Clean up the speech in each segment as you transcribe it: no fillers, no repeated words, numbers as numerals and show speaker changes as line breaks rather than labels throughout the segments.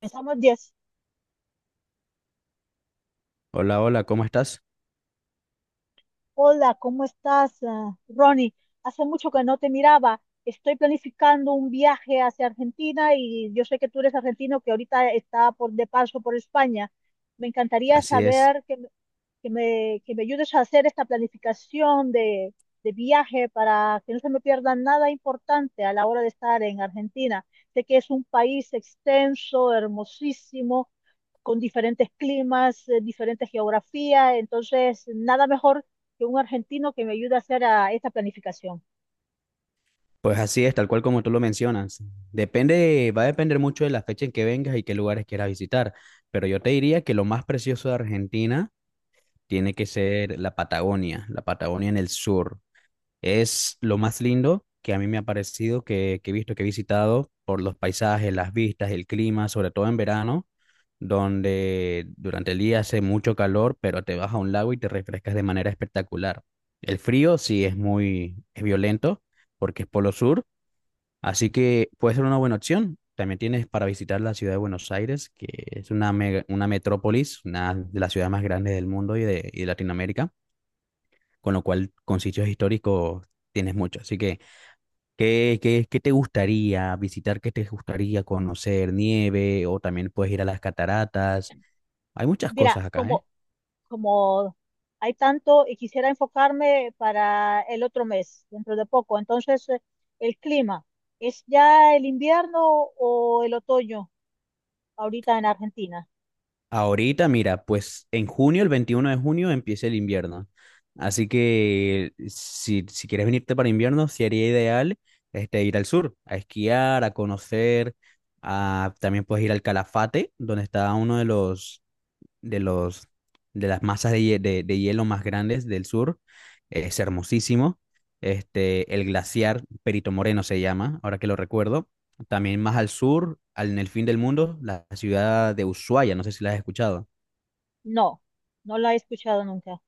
Empezamos 10.
Hola, hola, ¿cómo estás?
Hola, ¿cómo estás, Ronnie? Hace mucho que no te miraba. Estoy planificando un viaje hacia Argentina y yo sé que tú eres argentino que ahorita está por, de paso por España. Me encantaría
Así es.
saber que me ayudes a hacer esta planificación de viaje para que no se me pierda nada importante a la hora de estar en Argentina. Sé que es un país extenso, hermosísimo con diferentes climas, diferentes geografías, entonces nada mejor que un argentino que me ayude a hacer esta planificación.
Pues así es, tal cual como tú lo mencionas. Depende, va a depender mucho de la fecha en que vengas y qué lugares quieras visitar, pero yo te diría que lo más precioso de Argentina tiene que ser la Patagonia en el sur. Es lo más lindo que a mí me ha parecido, que he visto, que he visitado por los paisajes, las vistas, el clima, sobre todo en verano, donde durante el día hace mucho calor, pero te vas a un lago y te refrescas de manera espectacular. El frío sí es muy es violento porque es polo sur, así que puede ser una buena opción. También tienes para visitar la ciudad de Buenos Aires, que es una, una metrópolis, una de las ciudades más grandes del mundo y de Latinoamérica, con lo cual con sitios históricos tienes mucho. Así que ¿qué te gustaría visitar? ¿Qué te gustaría conocer? Nieve o también puedes ir a las cataratas. Hay muchas
Mira,
cosas acá, ¿eh?
como hay tanto y quisiera enfocarme para el otro mes, dentro de poco, entonces el clima, ¿es ya el invierno o el otoño ahorita en Argentina?
Ahorita, mira, pues en junio, el 21 de junio, empieza el invierno. Así que si quieres venirte para invierno, sería ideal ir al sur, a esquiar, a conocer. También puedes ir al Calafate, donde está uno de los de los, de las masas de, de hielo más grandes del sur. Es hermosísimo. El glaciar Perito Moreno se llama, ahora que lo recuerdo. También más al sur, al, en el fin del mundo, la ciudad de Ushuaia, no sé si la has escuchado.
No, no la he escuchado nunca.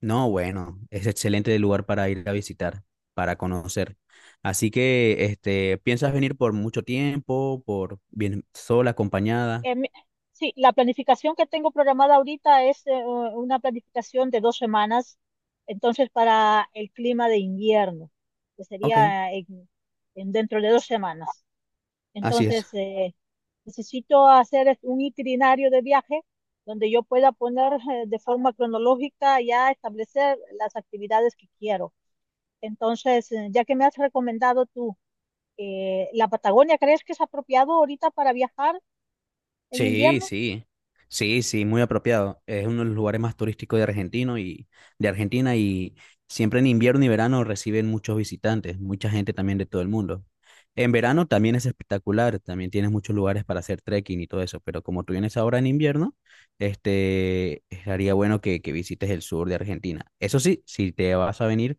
No, bueno, es excelente lugar para ir a visitar, para conocer. Así que, ¿piensas venir por mucho tiempo, por bien sola, acompañada?
em, sí, la planificación que tengo programada ahorita es una planificación de 2 semanas, entonces para el clima de invierno, que
Ok,
sería en dentro de 2 semanas.
así es.
Entonces, necesito hacer un itinerario de viaje donde yo pueda poner de forma cronológica ya establecer las actividades que quiero. Entonces, ya que me has recomendado tú, ¿la Patagonia crees que es apropiado ahorita para viajar en
Sí,
invierno?
sí, sí, sí, muy apropiado. Es uno de los lugares más turísticos de Argentino y de Argentina, siempre en invierno y verano reciben muchos visitantes, mucha gente también de todo el mundo. En verano también es espectacular, también tienes muchos lugares para hacer trekking y todo eso, pero como tú vienes ahora en invierno, estaría bueno que visites el sur de Argentina. Eso sí, si te vas a venir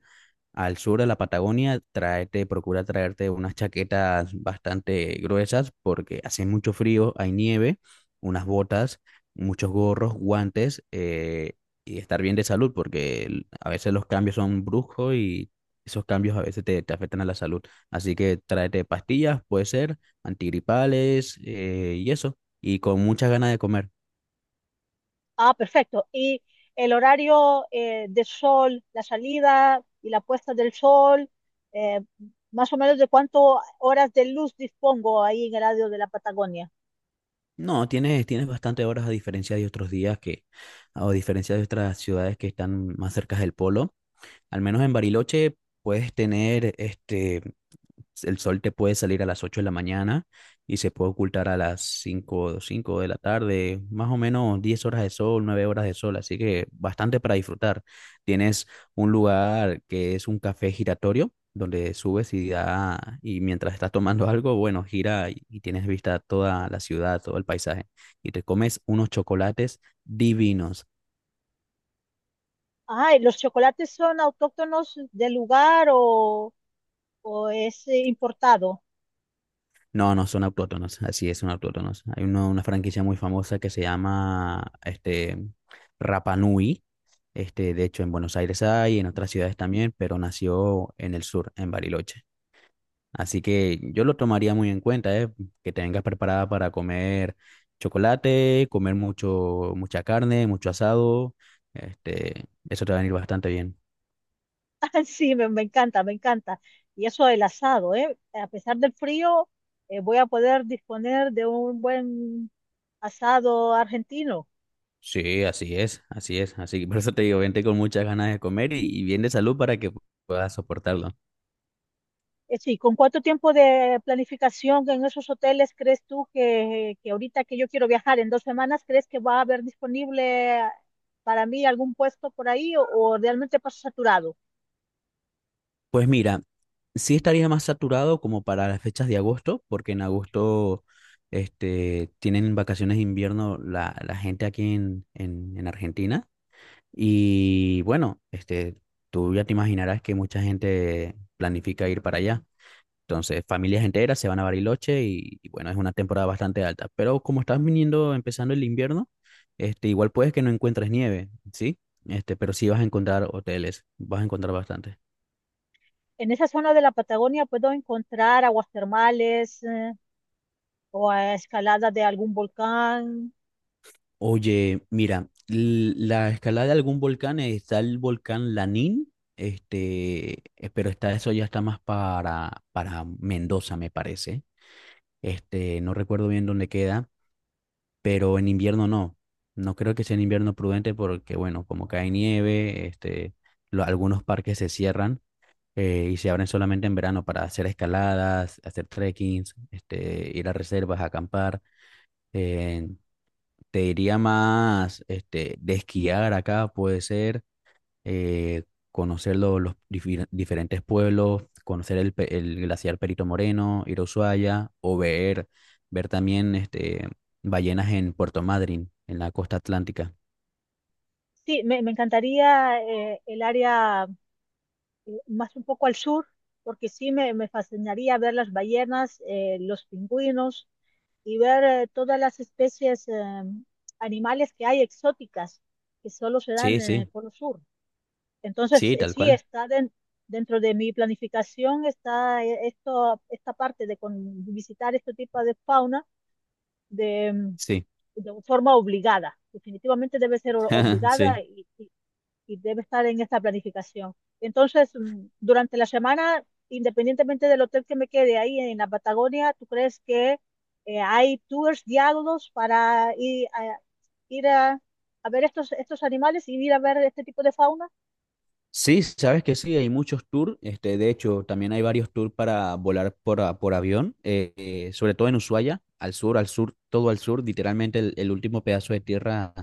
al sur de la Patagonia, tráete, procura traerte unas chaquetas bastante gruesas porque hace mucho frío, hay nieve, unas botas, muchos gorros, guantes, y estar bien de salud porque a veces los cambios son bruscos y esos cambios a veces te afectan a la salud. Así que tráete pastillas, puede ser, antigripales, y eso, y con muchas ganas de comer.
Ah, perfecto. ¿Y el horario de sol, la salida y la puesta del sol, eh, más o menos de cuántas horas de luz dispongo ahí en el área de la Patagonia?
No, tienes, tienes bastante horas a diferencia de otros días que, o a diferencia de otras ciudades que están más cerca del polo. Al menos en Bariloche puedes tener el sol te puede salir a las 8 de la mañana y se puede ocultar a las 5 de la tarde, más o menos 10 horas de sol, 9 horas de sol, así que bastante para disfrutar. Tienes un lugar que es un café giratorio, donde subes y, da, y mientras estás tomando algo, bueno, gira y tienes vista toda la ciudad, todo el paisaje, y te comes unos chocolates divinos.
Ah, ¿y los chocolates son autóctonos del lugar o es importado?
No, no, son autóctonos, así es, son autóctonos. Hay una franquicia muy famosa que se llama Rapa Nui. De hecho, en Buenos Aires hay, en otras ciudades también, pero nació en el sur, en Bariloche. Así que yo lo tomaría muy en cuenta, ¿eh? Que te vengas preparada para comer chocolate, comer mucho, mucha carne, mucho asado. Eso te va a venir bastante bien.
Ah, sí, me encanta, me encanta. Y eso del asado, ¿eh? A pesar del frío, voy a poder disponer de un buen asado argentino.
Sí, así es, así es. Así que por eso te digo, vente con muchas ganas de comer y bien de salud para que puedas soportarlo.
Sí, ¿con cuánto tiempo de planificación en esos hoteles crees tú que ahorita que yo quiero viajar en 2 semanas, crees que va a haber disponible para mí algún puesto por ahí o realmente paso saturado?
Pues mira, sí estaría más saturado como para las fechas de agosto, porque en agosto tienen vacaciones de invierno la gente aquí en Argentina. Y bueno, tú ya te imaginarás que mucha gente planifica ir para allá. Entonces, familias enteras se van a Bariloche y bueno, es una temporada bastante alta. Pero como estás viniendo, empezando el invierno, igual puedes que no encuentres nieve, ¿sí? Pero sí vas a encontrar hoteles, vas a encontrar bastante.
En esa zona de la Patagonia puedo encontrar aguas termales o a escalada de algún volcán.
Oye, mira, la escalada de algún volcán está el volcán Lanín, pero está eso ya está más para Mendoza, me parece. No recuerdo bien dónde queda, pero en invierno no. No creo que sea en invierno prudente porque, bueno, como cae nieve, algunos parques se cierran y se abren solamente en verano para hacer escaladas, hacer trekkings, ir a reservas, acampar. eh, Te diría más de esquiar acá, puede ser, eh, conocer los diferentes pueblos, conocer el, el glaciar Perito Moreno, ir a Ushuaia, o ver, ver también ballenas en Puerto Madryn, en la costa atlántica.
Sí, me encantaría el área más un poco al sur, porque sí me fascinaría ver las ballenas, los pingüinos y ver todas las especies animales que hay exóticas que solo se dan
Sí,
en el
sí,
Polo Sur. Entonces,
sí, tal
sí,
cual.
dentro de mi planificación, está esto, esta parte de visitar este tipo de fauna de,
Sí,
de forma obligada. Definitivamente debe ser obligada
sí.
y debe estar en esta planificación. Entonces, durante la semana, independientemente del hotel que me quede ahí en la Patagonia, ¿tú crees que hay tours guiados para ir a, a ver estos animales y ir a ver este tipo de fauna?
Sí, sabes que sí, hay muchos tours. De hecho, también hay varios tours para volar por, por avión, sobre todo en Ushuaia, al sur, todo al sur. Literalmente el último pedazo de tierra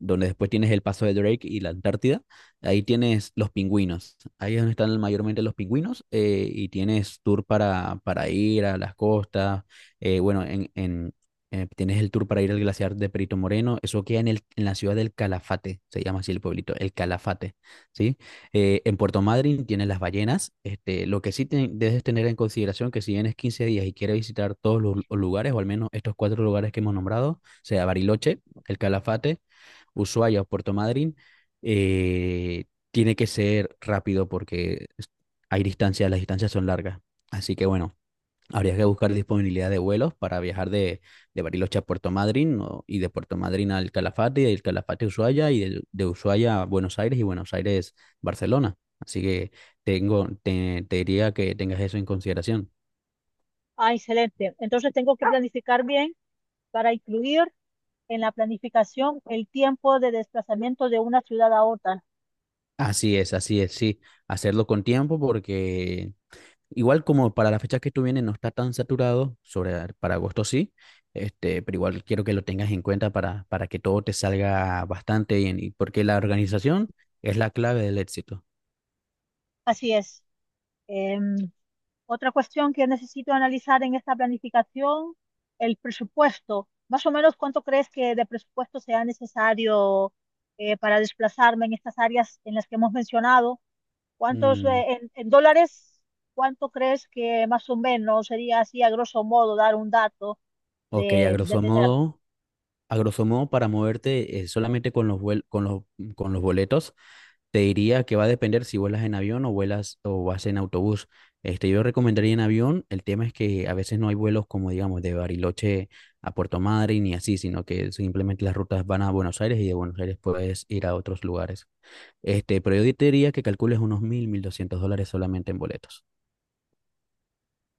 donde después tienes el paso de Drake y la Antártida, ahí tienes los pingüinos, ahí es donde están mayormente los pingüinos y tienes tour para ir a las costas, bueno, tienes el tour para ir al glaciar de Perito Moreno, eso queda en, el, en la ciudad del Calafate, se llama así el pueblito, el Calafate, ¿sí? En Puerto Madryn tienes las ballenas, lo que sí debes tener en consideración que si vienes 15 días y quieres visitar todos los lugares, o al menos estos cuatro lugares que hemos nombrado, sea Bariloche, el Calafate, Ushuaia o Puerto Madryn, eh, tiene que ser rápido porque hay distancias, las distancias son largas. Así que bueno, habría que buscar disponibilidad de vuelos para viajar de Bariloche a Puerto Madryn y de Puerto Madryn al Calafate y del Calafate a Ushuaia y Ushuaia a Buenos Aires y Buenos Aires Barcelona. Así que tengo, te diría que tengas eso en consideración.
Ah, excelente. Entonces, tengo que planificar bien para incluir en la planificación el tiempo de desplazamiento de una ciudad a otra.
Así es, sí. Hacerlo con tiempo porque Igual como para la fecha que tú vienes no está tan saturado, sobre, para agosto sí, pero igual quiero que lo tengas en cuenta para que todo te salga bastante bien, y porque la organización es la clave del éxito.
Así es. Em, Otra cuestión que necesito analizar en esta planificación, el presupuesto. Más o menos, ¿cuánto crees que de presupuesto sea necesario para desplazarme en estas áreas en las que hemos mencionado? ¿Cuántos
Mm,
en dólares? ¿Cuánto crees que más o menos sería así a grosso modo dar un dato
ok, a
de
grosso
tener?
modo, a grosso modo, para moverte solamente con los, con los, con los boletos, te diría que va a depender si vuelas en avión o vuelas o vas en autobús. Yo recomendaría en avión. El tema es que a veces no hay vuelos como, digamos, de Bariloche a Puerto Madryn ni así, sino que simplemente las rutas van a Buenos Aires y de Buenos Aires puedes ir a otros lugares. Pero yo te diría que calcules unos mil, $1.200 solamente en boletos.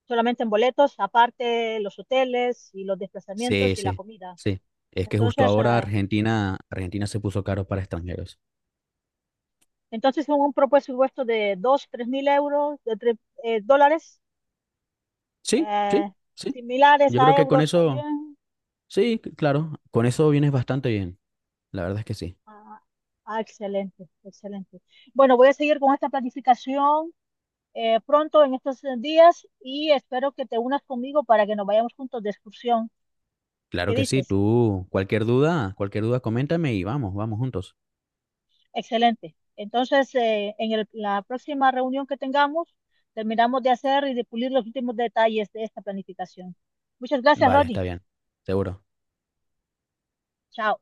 Solamente en boletos, aparte los hoteles y los
Sí,
desplazamientos y la
sí,
comida.
sí. Es que justo
Entonces,
ahora Argentina, Argentina se puso caro para extranjeros.
entonces un presupuesto de 2, 3.000 euros, dólares
Sí,
eh,
sí, sí.
similares
Yo
a
creo que con
euros
eso,
también.
sí, claro, con eso vienes bastante bien. La verdad es que sí.
Ah, ah, excelente, excelente. Bueno, voy a seguir con esta planificación pronto en estos días y espero que te unas conmigo para que nos vayamos juntos de excursión.
Claro
¿Qué
que sí,
dices?
tú, cualquier duda, coméntame y vamos, vamos juntos.
Excelente. Entonces, en la próxima reunión que tengamos, terminamos de hacer y de pulir los últimos detalles de esta planificación. Muchas gracias,
Vale,
Rodney.
está bien, seguro.
Chao.